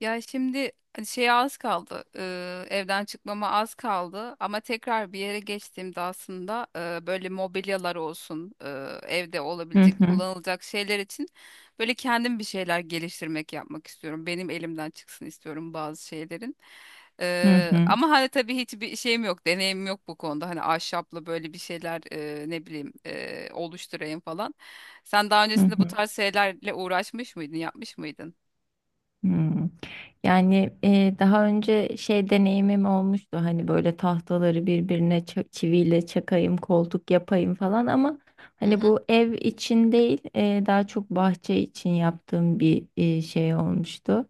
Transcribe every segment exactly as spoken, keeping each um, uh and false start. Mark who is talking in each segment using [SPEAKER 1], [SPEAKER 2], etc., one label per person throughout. [SPEAKER 1] Ya şimdi hani şeye az kaldı. Eee, evden çıkmama az kaldı. Ama tekrar bir yere geçtiğimde aslında eee, böyle mobilyalar olsun, eee, evde
[SPEAKER 2] Hı
[SPEAKER 1] olabilecek,
[SPEAKER 2] hı,
[SPEAKER 1] kullanılacak şeyler için böyle kendim bir şeyler geliştirmek yapmak istiyorum. Benim elimden çıksın istiyorum bazı şeylerin.
[SPEAKER 2] hı
[SPEAKER 1] Eee,
[SPEAKER 2] hı,
[SPEAKER 1] ama hani tabii hiçbir şeyim yok, deneyimim yok bu konuda. Hani ahşapla böyle bir şeyler eee, ne bileyim eee, oluşturayım falan. Sen daha
[SPEAKER 2] hı
[SPEAKER 1] öncesinde bu
[SPEAKER 2] hı,
[SPEAKER 1] tarz şeylerle uğraşmış mıydın, yapmış mıydın?
[SPEAKER 2] hı. Yani e, daha önce şey deneyimim olmuştu hani böyle tahtaları birbirine ça- çiviyle çakayım, koltuk yapayım falan ama
[SPEAKER 1] Hı
[SPEAKER 2] hani
[SPEAKER 1] hı.
[SPEAKER 2] bu ev için değil e, daha çok bahçe için yaptığım bir e, şey olmuştu.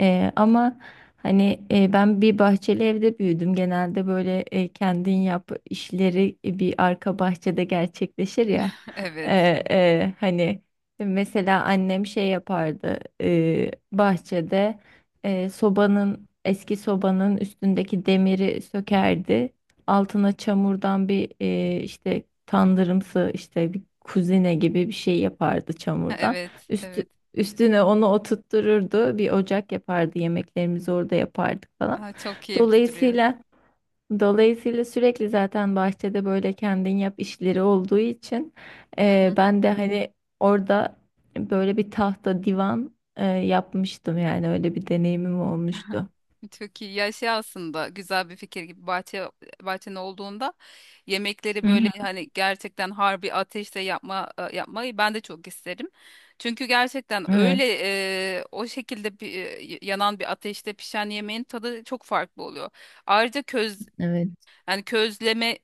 [SPEAKER 2] E, ama hani e, ben bir bahçeli evde büyüdüm. Genelde böyle e, kendin yap işleri bir arka bahçede gerçekleşir ya. E,
[SPEAKER 1] Evet.
[SPEAKER 2] e, Hani mesela annem şey yapardı e, bahçede e, sobanın eski sobanın üstündeki demiri sökerdi. Altına çamurdan bir e, işte tandırımsı işte bir kuzine gibi bir şey yapardı çamurdan.
[SPEAKER 1] Evet,
[SPEAKER 2] Üstü,
[SPEAKER 1] evet.
[SPEAKER 2] Üstüne onu oturttururdu. Bir ocak yapardı. Yemeklerimizi orada yapardık falan.
[SPEAKER 1] Aa, çok keyifli duruyor.
[SPEAKER 2] Dolayısıyla Dolayısıyla sürekli zaten bahçede böyle kendin yap işleri olduğu için
[SPEAKER 1] Hı
[SPEAKER 2] eee, ben de hani orada böyle bir tahta divan eee, yapmıştım yani öyle bir deneyimim olmuştu.
[SPEAKER 1] hı, çok iyi. Ya şey aslında güzel bir fikir gibi bahçe bahçen olduğunda yemekleri
[SPEAKER 2] Hı
[SPEAKER 1] böyle
[SPEAKER 2] hı,
[SPEAKER 1] hani gerçekten harbi ateşte yapma e, yapmayı ben de çok isterim. Çünkü gerçekten
[SPEAKER 2] evet,
[SPEAKER 1] öyle e, o şekilde bir, e, yanan bir ateşte pişen yemeğin tadı çok farklı oluyor. Ayrıca köz
[SPEAKER 2] evet,
[SPEAKER 1] yani közleme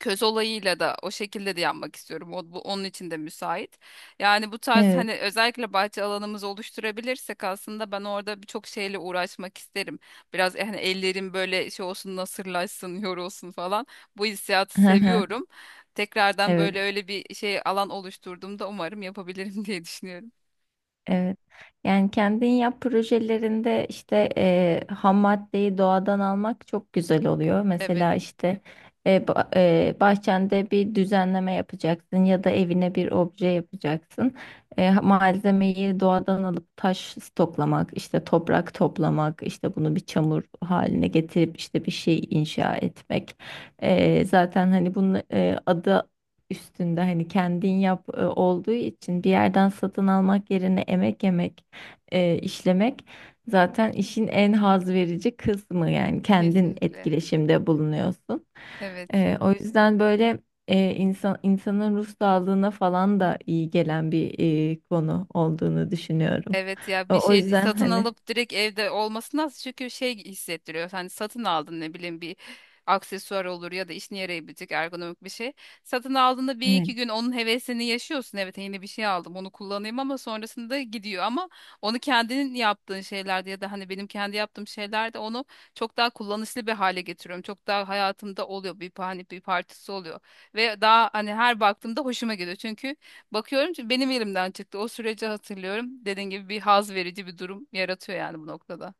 [SPEAKER 1] köz olayıyla da o şekilde de yapmak istiyorum. O, bu, onun için de müsait. Yani bu tarz
[SPEAKER 2] evet.
[SPEAKER 1] hani özellikle bahçe alanımızı oluşturabilirsek aslında ben orada birçok şeyle uğraşmak isterim. Biraz e, hani ellerim böyle şey olsun nasırlaşsın, yorulsun falan. Bu hissiyatı seviyorum. Tekrardan böyle
[SPEAKER 2] Evet.
[SPEAKER 1] öyle bir şey alan oluşturduğumda umarım yapabilirim diye düşünüyorum.
[SPEAKER 2] Evet. Yani kendin yap projelerinde işte e, ham maddeyi doğadan almak çok güzel oluyor.
[SPEAKER 1] Evet,
[SPEAKER 2] Mesela işte e, ba- e, bahçende bir düzenleme yapacaksın ya da evine bir obje yapacaksın. E, malzemeyi doğadan alıp taş stoklamak, işte toprak toplamak, işte bunu bir çamur haline getirip işte bir şey inşa etmek. E, zaten hani bunun e, adı üstünde hani kendin yap e, olduğu için bir yerden satın almak yerine emek yemek e, işlemek zaten işin en haz verici kısmı yani kendin
[SPEAKER 1] kesinlikle.
[SPEAKER 2] etkileşimde bulunuyorsun.
[SPEAKER 1] Evet.
[SPEAKER 2] E, o yüzden böyle e, insan insanın ruh sağlığına falan da iyi gelen bir e, konu olduğunu düşünüyorum.
[SPEAKER 1] Evet ya,
[SPEAKER 2] O,
[SPEAKER 1] bir
[SPEAKER 2] o
[SPEAKER 1] şey
[SPEAKER 2] yüzden
[SPEAKER 1] satın
[SPEAKER 2] hani
[SPEAKER 1] alıp direkt evde olması nasıl çünkü şey hissettiriyor. Hani satın aldın ne bileyim bir aksesuar olur ya da işine yarayabilecek ergonomik bir şey. Satın aldığında bir
[SPEAKER 2] evet,
[SPEAKER 1] iki gün onun hevesini yaşıyorsun. Evet yeni bir şey aldım onu kullanayım ama sonrasında gidiyor ama onu kendinin yaptığın şeylerde ya da hani benim kendi yaptığım şeylerde onu çok daha kullanışlı bir hale getiriyorum. Çok daha hayatımda oluyor bir, hani bir parçası oluyor ve daha hani her baktığımda hoşuma gidiyor çünkü bakıyorum ki benim elimden çıktı. O süreci hatırlıyorum. Dediğin gibi bir haz verici bir durum yaratıyor yani bu noktada.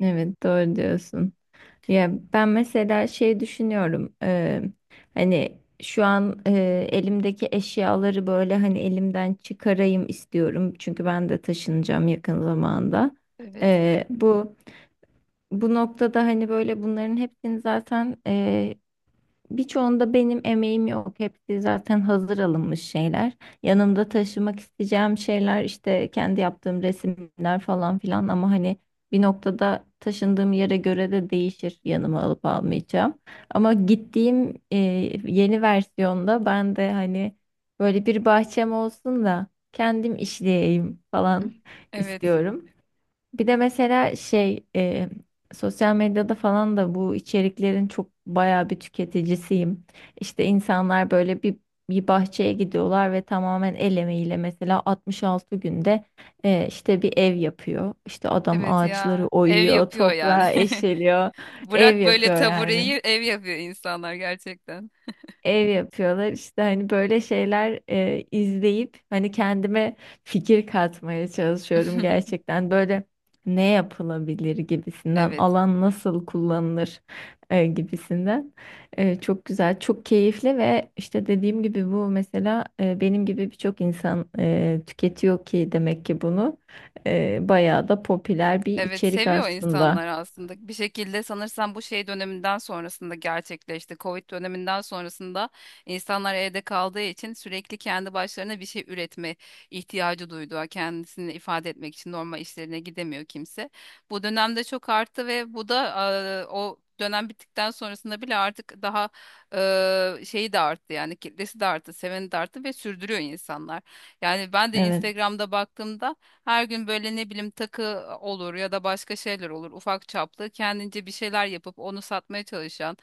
[SPEAKER 2] evet doğru diyorsun. Ya ben mesela şey düşünüyorum eee, hani şu an eee, elimdeki eşyaları böyle hani elimden çıkarayım istiyorum çünkü ben de taşınacağım yakın zamanda.
[SPEAKER 1] Evet.
[SPEAKER 2] Eee, bu bu noktada hani böyle bunların hepsini zaten birçoğunda benim emeğim yok. Hepsi zaten hazır alınmış şeyler. Yanımda taşımak isteyeceğim şeyler işte kendi yaptığım resimler falan filan ama hani bir noktada taşındığım yere göre de değişir yanıma alıp almayacağım. Ama gittiğim e, yeni versiyonda ben de hani böyle bir bahçem olsun da kendim işleyeyim falan
[SPEAKER 1] Evet.
[SPEAKER 2] istiyorum. Bir de mesela şey e, sosyal medyada falan da bu içeriklerin çok bayağı bir tüketicisiyim. İşte insanlar böyle bir bir bahçeye gidiyorlar ve tamamen el emeğiyle mesela altmış altı günde e, işte bir ev yapıyor. İşte adam
[SPEAKER 1] Evet
[SPEAKER 2] ağaçları
[SPEAKER 1] ya. Ev
[SPEAKER 2] oyuyor,
[SPEAKER 1] yapıyor yani.
[SPEAKER 2] toprağı eşeliyor, ev
[SPEAKER 1] Bırak böyle
[SPEAKER 2] yapıyor yani
[SPEAKER 1] tabureyi ev yapıyor insanlar gerçekten.
[SPEAKER 2] ev yapıyorlar. İşte hani böyle şeyler e, izleyip hani kendime fikir katmaya çalışıyorum gerçekten. Böyle ne yapılabilir gibisinden,
[SPEAKER 1] Evet.
[SPEAKER 2] alan nasıl kullanılır e, gibisinden. E, çok güzel, çok keyifli ve işte dediğim gibi bu mesela e, benim gibi birçok insan e, tüketiyor ki demek ki bunu. E, bayağı da popüler bir
[SPEAKER 1] Evet
[SPEAKER 2] içerik
[SPEAKER 1] seviyor
[SPEAKER 2] aslında.
[SPEAKER 1] insanlar aslında. Bir şekilde sanırsam bu şey döneminden sonrasında gerçekleşti. Covid döneminden sonrasında insanlar evde kaldığı için sürekli kendi başlarına bir şey üretme ihtiyacı duydu. Kendisini ifade etmek için normal işlerine gidemiyor kimse. Bu dönemde çok arttı ve bu da e, o dönem bittikten sonrasında bile artık daha e, şeyi de arttı yani kitlesi de arttı, seveni de arttı ve sürdürüyor insanlar. Yani ben de
[SPEAKER 2] Evet.
[SPEAKER 1] Instagram'da baktığımda her gün böyle ne bileyim takı olur ya da başka şeyler olur ufak çaplı kendince bir şeyler yapıp onu satmaya çalışan,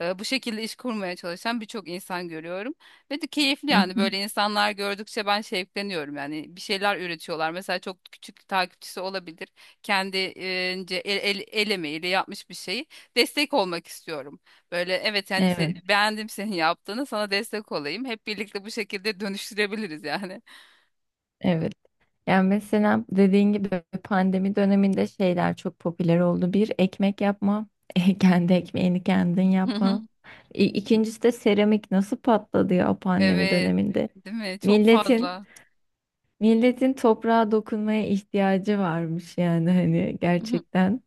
[SPEAKER 1] e, bu şekilde iş kurmaya çalışan birçok insan görüyorum ve de keyifli
[SPEAKER 2] Hı
[SPEAKER 1] yani
[SPEAKER 2] hı.
[SPEAKER 1] böyle insanlar gördükçe ben şevkleniyorum yani bir şeyler üretiyorlar mesela çok küçük takipçisi olabilir kendince el, el, el emeğiyle yapmış bir şeyi destek olmak istiyorum böyle evet yani
[SPEAKER 2] Evet.
[SPEAKER 1] se- beğendim senin yaptığını sana destek olayım hep birlikte bu şekilde dönüştürebiliriz yani.
[SPEAKER 2] Evet. Yani mesela dediğin gibi pandemi döneminde şeyler çok popüler oldu. Bir, ekmek yapma. Kendi ekmeğini kendin yapma. İ- İkincisi de seramik nasıl patladı ya pandemi
[SPEAKER 1] Evet,
[SPEAKER 2] döneminde.
[SPEAKER 1] değil mi? Çok
[SPEAKER 2] Milletin
[SPEAKER 1] fazla.
[SPEAKER 2] milletin toprağa dokunmaya ihtiyacı varmış yani hani
[SPEAKER 1] Mhm.
[SPEAKER 2] gerçekten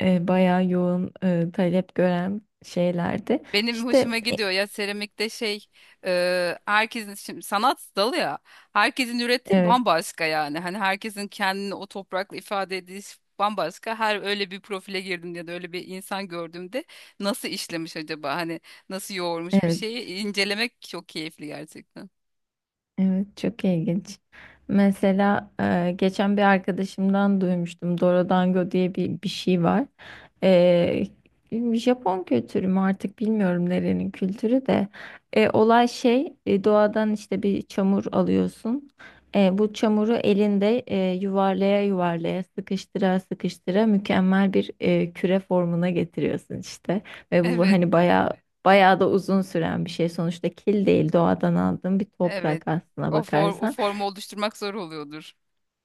[SPEAKER 2] e, bayağı yoğun e, talep gören şeylerdi.
[SPEAKER 1] Benim hoşuma
[SPEAKER 2] İşte e,
[SPEAKER 1] gidiyor ya seramikte şey e, herkesin şimdi sanat dalı ya herkesin ürettiği
[SPEAKER 2] evet.
[SPEAKER 1] bambaşka yani hani herkesin kendini o toprakla ifade edişi bambaşka her öyle bir profile girdim ya da öyle bir insan gördüğümde nasıl işlemiş acaba hani nasıl yoğurmuş bir
[SPEAKER 2] Evet.
[SPEAKER 1] şeyi incelemek çok keyifli gerçekten.
[SPEAKER 2] Evet, çok ilginç. Mesela e, geçen bir arkadaşımdan duymuştum. Dorodango diye bir, bir şey var. E, Japon kültürü mü artık bilmiyorum nerenin kültürü de. E, olay şey e, doğadan işte bir çamur alıyorsun. E, bu çamuru elinde e, yuvarlaya yuvarlaya sıkıştıra sıkıştıra mükemmel bir e, küre formuna getiriyorsun işte. Ve bu
[SPEAKER 1] Evet,
[SPEAKER 2] hani bayağı bayağı da uzun süren bir şey. Sonuçta kil değil, doğadan aldığım bir
[SPEAKER 1] evet,
[SPEAKER 2] toprak aslına
[SPEAKER 1] o form o
[SPEAKER 2] bakarsan.
[SPEAKER 1] formu oluşturmak zor oluyordur.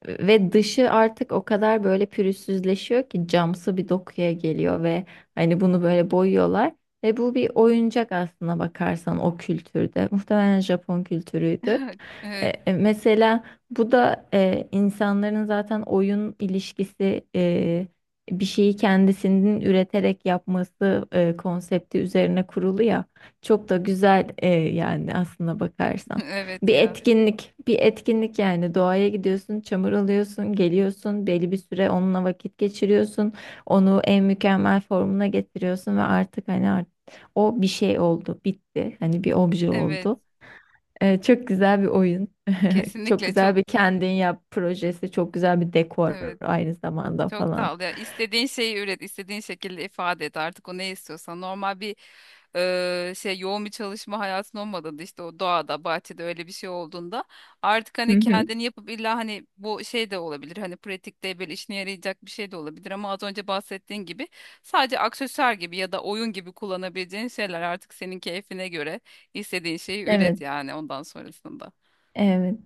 [SPEAKER 2] Ve dışı artık o kadar böyle pürüzsüzleşiyor ki camsı bir dokuya geliyor ve hani bunu böyle boyuyorlar. Ve bu bir oyuncak aslına bakarsan o kültürde. Muhtemelen Japon kültürüydü. E,
[SPEAKER 1] Evet.
[SPEAKER 2] e, Mesela bu da e, insanların zaten oyun ilişkisi e, bir şeyi kendisinin üreterek yapması e, konsepti üzerine kurulu ya çok da güzel e, yani aslına bakarsan
[SPEAKER 1] Evet
[SPEAKER 2] bir
[SPEAKER 1] ya,
[SPEAKER 2] etkinlik bir etkinlik yani doğaya gidiyorsun çamur alıyorsun geliyorsun belli bir süre onunla vakit geçiriyorsun onu en mükemmel formuna getiriyorsun ve artık hani art- o bir şey oldu bitti hani bir obje
[SPEAKER 1] evet
[SPEAKER 2] oldu. Ee, çok güzel bir oyun. Çok
[SPEAKER 1] kesinlikle
[SPEAKER 2] güzel
[SPEAKER 1] çok.
[SPEAKER 2] bir kendin yap projesi. Çok güzel bir dekor
[SPEAKER 1] Evet,
[SPEAKER 2] aynı zamanda
[SPEAKER 1] çok
[SPEAKER 2] falan.
[SPEAKER 1] tatlı. Ya, istediğin şeyi üret, istediğin şekilde ifade et. Artık o ne istiyorsan. Normal bir e, şey yoğun bir çalışma hayatın olmadığında işte o doğada, bahçede öyle bir şey olduğunda artık
[SPEAKER 2] Hı
[SPEAKER 1] hani
[SPEAKER 2] hı.
[SPEAKER 1] kendini yapıp illa hani bu şey de olabilir. Hani pratikte böyle işine yarayacak bir şey de olabilir ama az önce bahsettiğin gibi sadece aksesuar gibi ya da oyun gibi kullanabileceğin şeyler artık senin keyfine göre istediğin şeyi
[SPEAKER 2] Evet.
[SPEAKER 1] üret yani ondan sonrasında.
[SPEAKER 2] Evet.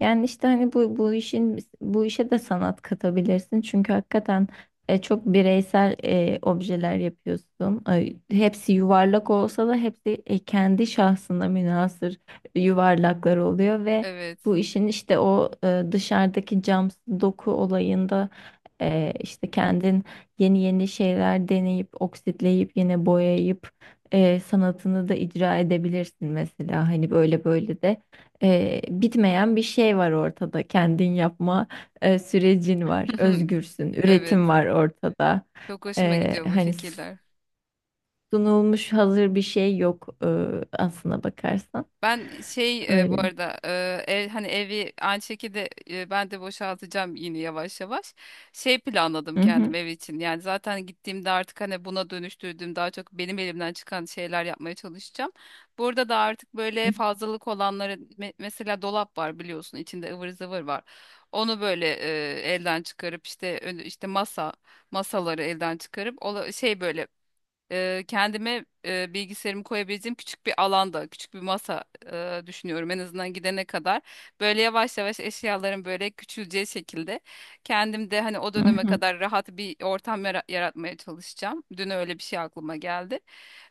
[SPEAKER 2] Yani işte hani bu bu işin bu işe de sanat katabilirsin. Çünkü hakikaten e, çok bireysel e, objeler yapıyorsun. Ay, hepsi yuvarlak olsa da hepsi e, kendi şahsına münhasır yuvarlaklar oluyor ve
[SPEAKER 1] Evet.
[SPEAKER 2] bu işin işte o e, dışarıdaki cam doku olayında e, işte kendin yeni yeni şeyler deneyip oksitleyip yine boyayıp e, sanatını da icra edebilirsin mesela hani böyle böyle de e, bitmeyen bir şey var ortada. Kendin yapma e, sürecin var. Özgürsün.
[SPEAKER 1] Evet.
[SPEAKER 2] Üretim var ortada.
[SPEAKER 1] Çok hoşuma
[SPEAKER 2] E,
[SPEAKER 1] gidiyor bu
[SPEAKER 2] hani
[SPEAKER 1] fikirler.
[SPEAKER 2] sunulmuş hazır bir şey yok e, aslına bakarsan.
[SPEAKER 1] Ben şey e, bu
[SPEAKER 2] Öyle.
[SPEAKER 1] arada e, ev hani evi aynı şekilde e, ben de boşaltacağım yine yavaş yavaş. Şey planladım
[SPEAKER 2] Hı
[SPEAKER 1] kendim
[SPEAKER 2] hı.
[SPEAKER 1] ev için. Yani zaten gittiğimde artık hani buna dönüştürdüğüm daha çok benim elimden çıkan şeyler yapmaya çalışacağım. Burada da artık böyle fazlalık olanları me- mesela dolap var biliyorsun içinde ıvır zıvır var. Onu böyle e, elden çıkarıp işte ön- işte masa masaları elden çıkarıp ola- şey böyle e, kendime e, bilgisayarımı koyabileceğim küçük bir alanda, küçük bir masa e, düşünüyorum en azından gidene kadar. Böyle yavaş yavaş eşyaların böyle küçüleceği şekilde kendim de hani o
[SPEAKER 2] Hı
[SPEAKER 1] döneme
[SPEAKER 2] hı.
[SPEAKER 1] kadar rahat bir ortam yara- yaratmaya çalışacağım. Dün öyle bir şey aklıma geldi.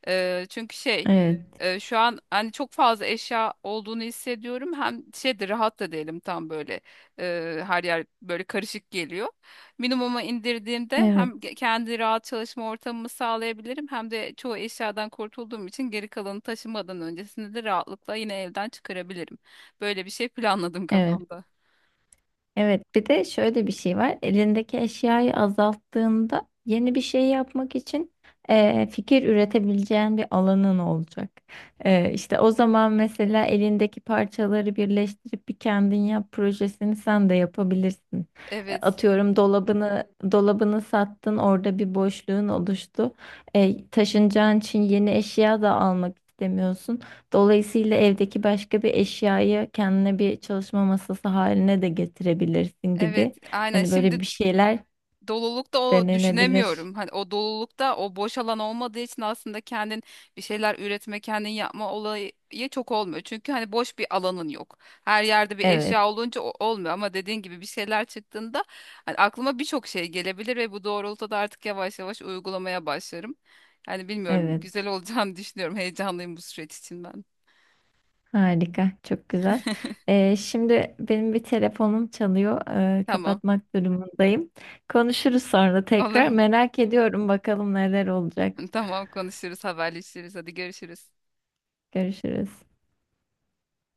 [SPEAKER 1] Eee, çünkü şey
[SPEAKER 2] Evet.
[SPEAKER 1] eee, şu an hani çok fazla eşya olduğunu hissediyorum. Hem şey de rahat da değilim tam böyle eee, her yer böyle karışık geliyor. Minimuma indirdiğimde hem
[SPEAKER 2] Evet.
[SPEAKER 1] ge- kendi rahat çalışma ortamımı sağlayabilirim hem de çoğu eşyadan kurtulduğum için geri kalanı taşımadan öncesinde de rahatlıkla yine evden çıkarabilirim. Böyle bir şey planladım
[SPEAKER 2] Evet.
[SPEAKER 1] kafamda.
[SPEAKER 2] Evet, bir de şöyle bir şey var. Elindeki eşyayı azalttığında yeni bir şey yapmak için eee, fikir üretebileceğin bir alanın olacak. İşte işte o zaman mesela elindeki parçaları birleştirip bir kendin yap projesini sen de yapabilirsin. E,
[SPEAKER 1] Evet.
[SPEAKER 2] atıyorum dolabını dolabını sattın, orada bir boşluğun oluştu. E, taşınacağın için yeni eşya da almak istemiyorsun. Dolayısıyla evdeki başka bir eşyayı kendine bir çalışma masası haline de getirebilirsin gibi.
[SPEAKER 1] Evet, aynen.
[SPEAKER 2] Hani böyle
[SPEAKER 1] Şimdi
[SPEAKER 2] bir şeyler
[SPEAKER 1] dolulukta o
[SPEAKER 2] denenebilir.
[SPEAKER 1] düşünemiyorum. Hani o dolulukta o boş alan olmadığı için aslında kendin bir şeyler üretme, kendin yapma olayı çok olmuyor. Çünkü hani boş bir alanın yok. Her yerde bir
[SPEAKER 2] Evet,
[SPEAKER 1] eşya olunca o- olmuyor ama dediğin gibi bir şeyler çıktığında hani aklıma birçok şey gelebilir ve bu doğrultuda artık yavaş yavaş uygulamaya başlarım. Yani bilmiyorum
[SPEAKER 2] evet.
[SPEAKER 1] güzel olacağını düşünüyorum. Heyecanlıyım bu süreç için ben.
[SPEAKER 2] Harika, çok güzel. Ee, şimdi benim bir telefonum çalıyor. Ee,
[SPEAKER 1] Tamam.
[SPEAKER 2] kapatmak durumundayım. Konuşuruz sonra
[SPEAKER 1] Olur.
[SPEAKER 2] tekrar. Merak ediyorum bakalım neler olacak.
[SPEAKER 1] Tamam konuşuruz, haberleşiriz. Hadi görüşürüz.
[SPEAKER 2] Görüşürüz.